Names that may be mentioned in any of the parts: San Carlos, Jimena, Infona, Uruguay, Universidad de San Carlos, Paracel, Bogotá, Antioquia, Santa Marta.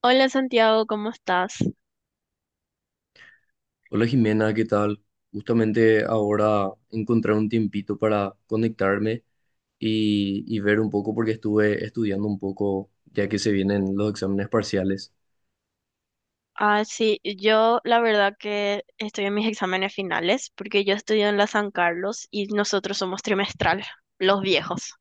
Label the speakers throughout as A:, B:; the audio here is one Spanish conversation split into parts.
A: Hola Santiago, ¿cómo estás?
B: Hola Jimena, ¿qué tal? Justamente ahora encontré un tiempito para conectarme y, ver un poco porque estuve estudiando un poco ya que se vienen los exámenes parciales.
A: Ah, sí, yo la verdad que estoy en mis exámenes finales porque yo estudio en la San Carlos y nosotros somos trimestral, los viejos.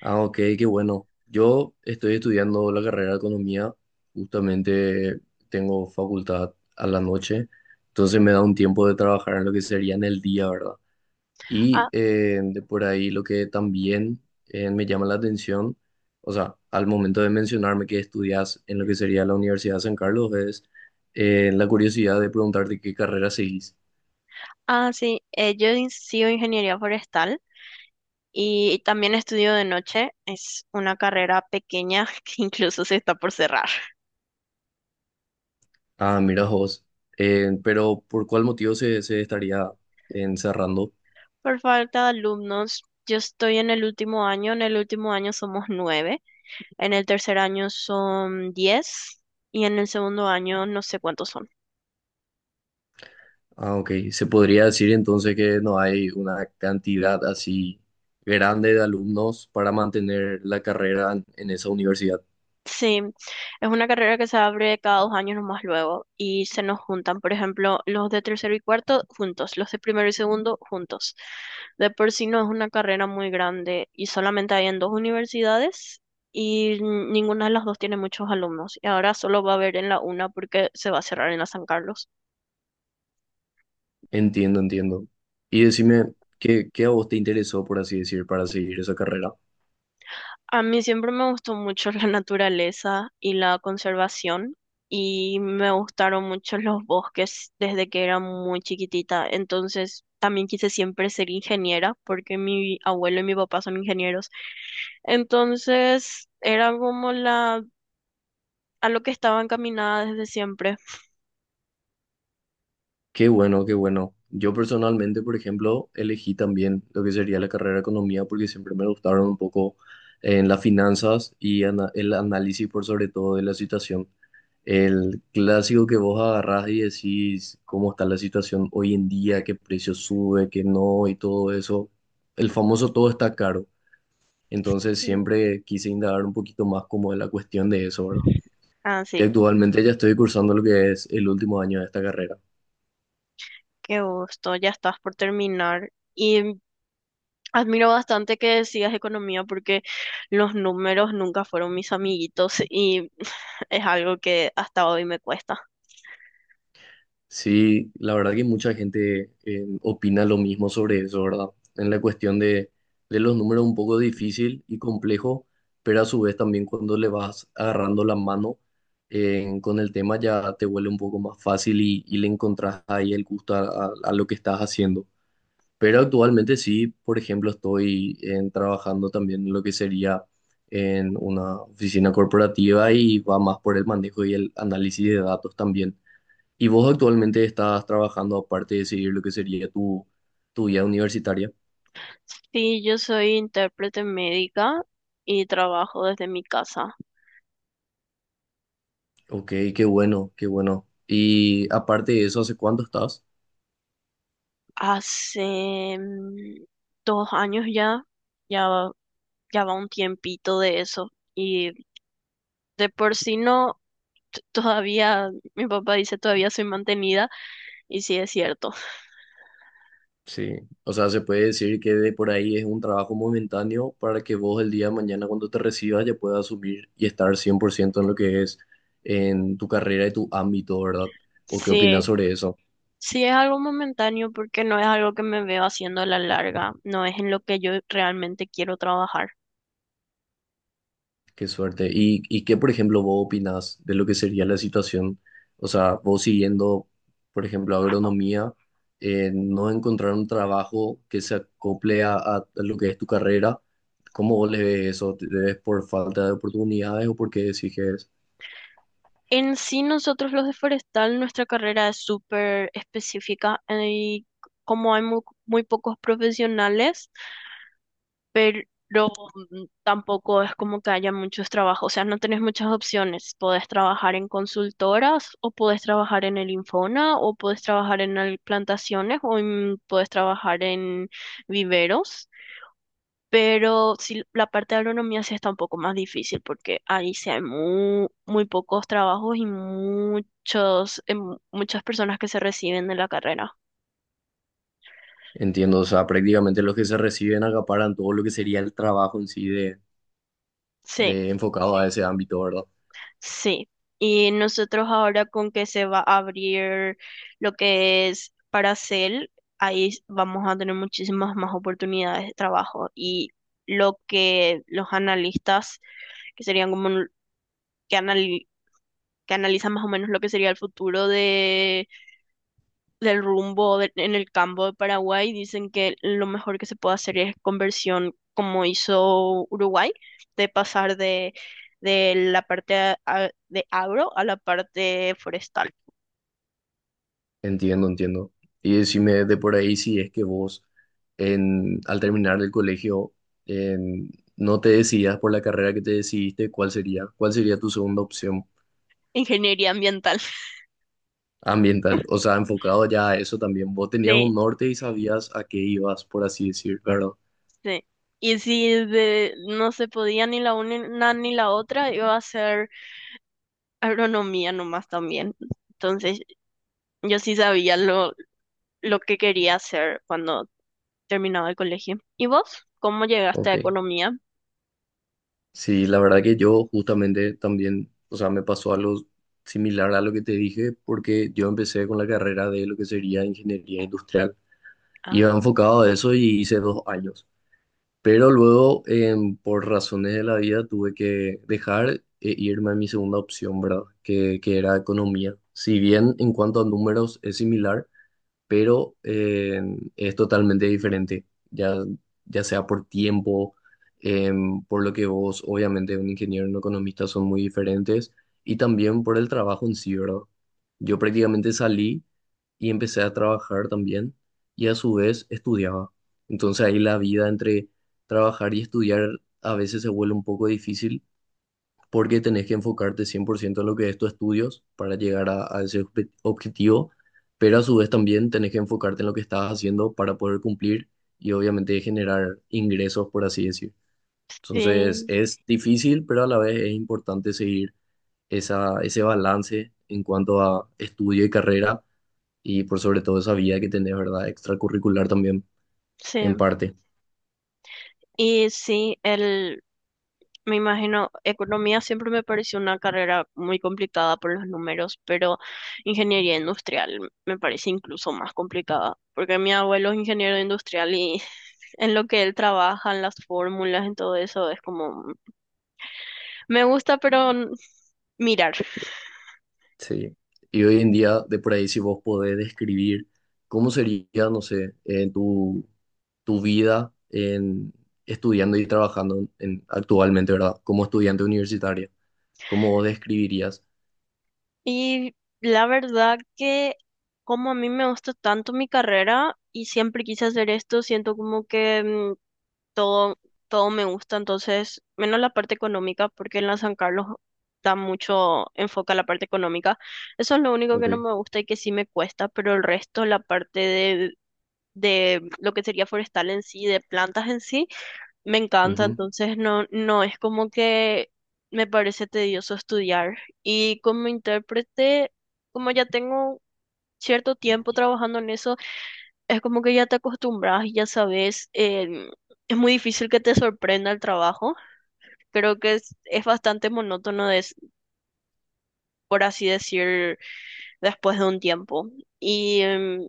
B: Ah, ok, qué bueno. Yo estoy estudiando la carrera de economía, justamente tengo facultad a la noche, entonces me da un tiempo de trabajar en lo que sería en el día, ¿verdad? Y
A: Ah,
B: de por ahí lo que también me llama la atención, o sea, al momento de mencionarme que estudias en lo que sería la Universidad de San Carlos, es la curiosidad de preguntarte qué carrera seguís.
A: sí, yo sigo ingeniería forestal y también estudio de noche. Es una carrera pequeña que incluso se está por cerrar.
B: Ah, mira vos. Pero ¿por cuál motivo se estaría encerrando?
A: Por falta de alumnos, yo estoy en el último año. En el último año somos nueve, en el tercer año son 10 y en el segundo año no sé cuántos son.
B: Ah, ok. Se podría decir entonces que no hay una cantidad así grande de alumnos para mantener la carrera en esa universidad.
A: Sí, es una carrera que se abre cada 2 años nomás luego y se nos juntan, por ejemplo, los de tercero y cuarto juntos, los de primero y segundo juntos. De por sí no es una carrera muy grande y solamente hay en dos universidades y ninguna de las dos tiene muchos alumnos. Y ahora solo va a haber en la una porque se va a cerrar en la San Carlos.
B: Entiendo, entiendo. Y decime, ¿qué a vos te interesó, por así decir, para seguir esa carrera?
A: A mí siempre me gustó mucho la naturaleza y la conservación y me gustaron mucho los bosques desde que era muy chiquitita. Entonces también quise siempre ser ingeniera porque mi abuelo y mi papá son ingenieros. Entonces era como la a lo que estaba encaminada desde siempre.
B: Qué bueno, qué bueno. Yo personalmente, por ejemplo, elegí también lo que sería la carrera de economía porque siempre me gustaron un poco en las finanzas y el análisis por sobre todo de la situación. El clásico que vos agarrás y decís cómo está la situación hoy en día, qué precio sube, qué no y todo eso. El famoso todo está caro. Entonces
A: Sí.
B: siempre quise indagar un poquito más como de la cuestión de eso, ¿verdad?
A: Ah,
B: Y
A: sí,
B: actualmente ya estoy cursando lo que es el último año de esta carrera.
A: qué gusto, ya estás por terminar. Y admiro bastante que decidas economía porque los números nunca fueron mis amiguitos y es algo que hasta hoy me cuesta.
B: Sí, la verdad que mucha gente opina lo mismo sobre eso, ¿verdad? En la cuestión de los números un poco difícil y complejo, pero a su vez también cuando le vas agarrando la mano con el tema ya te vuelve un poco más fácil y, le encontrás ahí el gusto a, a lo que estás haciendo. Pero actualmente sí, por ejemplo, trabajando también en lo que sería en una oficina corporativa y va más por el manejo y el análisis de datos también. ¿Y vos actualmente estás trabajando aparte de seguir lo que sería tu, tu vida universitaria?
A: Sí, yo soy intérprete médica y trabajo desde mi casa.
B: Ok, qué bueno, qué bueno. Y aparte de eso, ¿hace cuánto estás?
A: Hace 2 años ya, ya, va- ya va un tiempito de eso. Y de por sí no, todavía, mi papá dice todavía soy mantenida y sí es cierto.
B: Sí, o sea, se puede decir que de por ahí es un trabajo momentáneo para que vos el día de mañana cuando te recibas ya puedas asumir y estar 100% en lo que es en tu carrera y tu ámbito, ¿verdad? ¿O qué opinas
A: Sí.
B: sobre eso?
A: Sí, es algo momentáneo porque no es algo que me veo haciendo a la larga, no es en lo que yo realmente quiero trabajar.
B: Qué suerte. ¿Y qué, por ejemplo, vos opinás de lo que sería la situación? O sea, vos siguiendo, por ejemplo, agronomía, no encontrar un trabajo que se acople a lo que es tu carrera, ¿cómo vos le ves eso? ¿Te ves por falta de oportunidades o porque qué decís que es?
A: En sí, nosotros los de Forestal, nuestra carrera es súper específica y como hay muy pocos profesionales, pero tampoco es como que haya muchos trabajos, o sea, no tenés muchas opciones. Podés trabajar en consultoras o podés trabajar en el Infona o podés trabajar en el plantaciones podés trabajar en viveros. Pero sí, la parte de agronomía sí está un poco más difícil porque ahí sí hay muy, muy pocos trabajos y muchas personas que se reciben de la carrera.
B: Entiendo, o sea, prácticamente los que se reciben acaparan todo lo que sería el trabajo en sí
A: Sí,
B: de enfocado a ese ámbito, ¿verdad?
A: sí. Y nosotros ahora con que se va a abrir lo que es Paracel, ahí vamos a tener muchísimas más oportunidades de trabajo. Y lo que los analistas, que serían como un- que, anali- que analizan más o menos lo que sería el futuro de del rumbo en el campo de Paraguay, dicen que lo mejor que se puede hacer es conversión como hizo Uruguay, de pasar de la parte de agro a la parte forestal,
B: Entiendo, entiendo. Y decime de por ahí si es que vos, en, al terminar el colegio, en- no te decidas por la carrera que te decidiste, ¿cuál sería? ¿Cuál sería tu segunda opción
A: ingeniería ambiental.
B: ambiental? O sea, enfocado ya a eso también. Vos tenías un
A: Sí,
B: norte y sabías a qué ibas, por así decir, ¿verdad?
A: sí. Y si no se podía ni la una ni la otra, iba a ser agronomía nomás también. Entonces, yo sí sabía lo que quería hacer cuando terminaba el colegio. ¿Y vos? ¿Cómo llegaste a
B: Ok.
A: economía?
B: Sí, la verdad que yo justamente también, o sea, me pasó algo similar a lo que te dije, porque yo empecé con la carrera de lo que sería ingeniería industrial. Iba enfocado a eso y hice 2 años. Pero luego, por razones de la vida, tuve que dejar e irme a mi segunda opción, ¿verdad? Que era economía. Si bien en cuanto a números es similar, pero es totalmente diferente, ya, ya sea por tiempo, por lo que vos, obviamente, un ingeniero y un economista son muy diferentes, y también por el trabajo en sí, ¿verdad? Yo prácticamente salí y empecé a trabajar también, y a su vez estudiaba. Entonces ahí la vida entre trabajar y estudiar a veces se vuelve un poco difícil porque tenés que enfocarte 100% en lo que es tus estudios para llegar a ese objetivo, pero a su vez también tenés que enfocarte en lo que estás haciendo para poder cumplir y obviamente generar ingresos, por así decir. Entonces
A: Sí,
B: es difícil, pero a la vez es importante seguir esa, ese balance en cuanto a estudio y carrera y por sobre todo esa vida que tenés, ¿verdad? Extracurricular también,
A: sí.
B: en parte.
A: Y sí, me imagino, economía siempre me pareció una carrera muy complicada por los números, pero ingeniería industrial me parece incluso más complicada, porque mi abuelo es ingeniero industrial y en lo que él trabaja, en las fórmulas, en todo eso, es como, me gusta, pero mirar.
B: Sí, y hoy en día, de por ahí, si vos podés describir cómo sería, no sé, en tu, tu vida en, estudiando y trabajando en, actualmente, ¿verdad? Como estudiante universitario, ¿cómo vos describirías?
A: Y la verdad que como a mí me gusta tanto mi carrera y siempre quise hacer esto, siento como que todo, todo me gusta, entonces, menos la parte económica, porque en la San Carlos da mucho enfoque a la parte económica. Eso es lo único que no
B: Ok,
A: me gusta y que sí me cuesta, pero el resto, la parte de lo que sería forestal en sí, de plantas en sí, me encanta,
B: ujú,
A: entonces no, no es como que me parece tedioso estudiar. Y como intérprete, como ya tengo cierto tiempo trabajando en eso, es como que ya te acostumbras y ya sabes, es muy difícil que te sorprenda el trabajo. Creo que es bastante monótono, por así decir, después de un tiempo. Y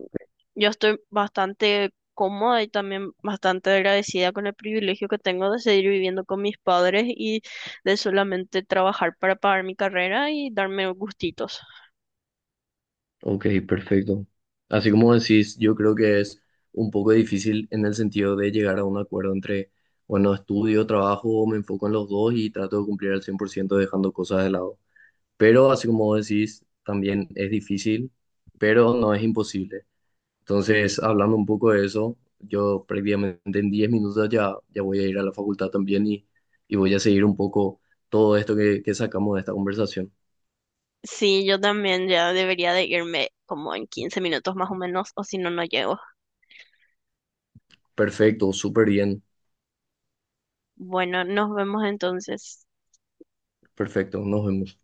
A: yo estoy bastante cómoda y también bastante agradecida con el privilegio que tengo de seguir viviendo con mis padres y de solamente trabajar para pagar mi carrera y darme gustitos.
B: ok, perfecto. Así como decís, yo creo que es un poco difícil en el sentido de llegar a un acuerdo entre, bueno, estudio, trabajo, me enfoco en los dos y trato de cumplir al 100% dejando cosas de lado. Pero así como vos decís, también es difícil, pero no es imposible. Entonces, hablando un poco de eso, yo prácticamente en 10 minutos ya, ya voy a ir a la facultad también y voy a seguir un poco todo esto que sacamos de esta conversación.
A: Sí, yo también ya debería de irme como en 15 minutos más o menos, o si no, no llego.
B: Perfecto, súper bien,
A: Bueno, nos vemos entonces.
B: perfecto, nos vemos.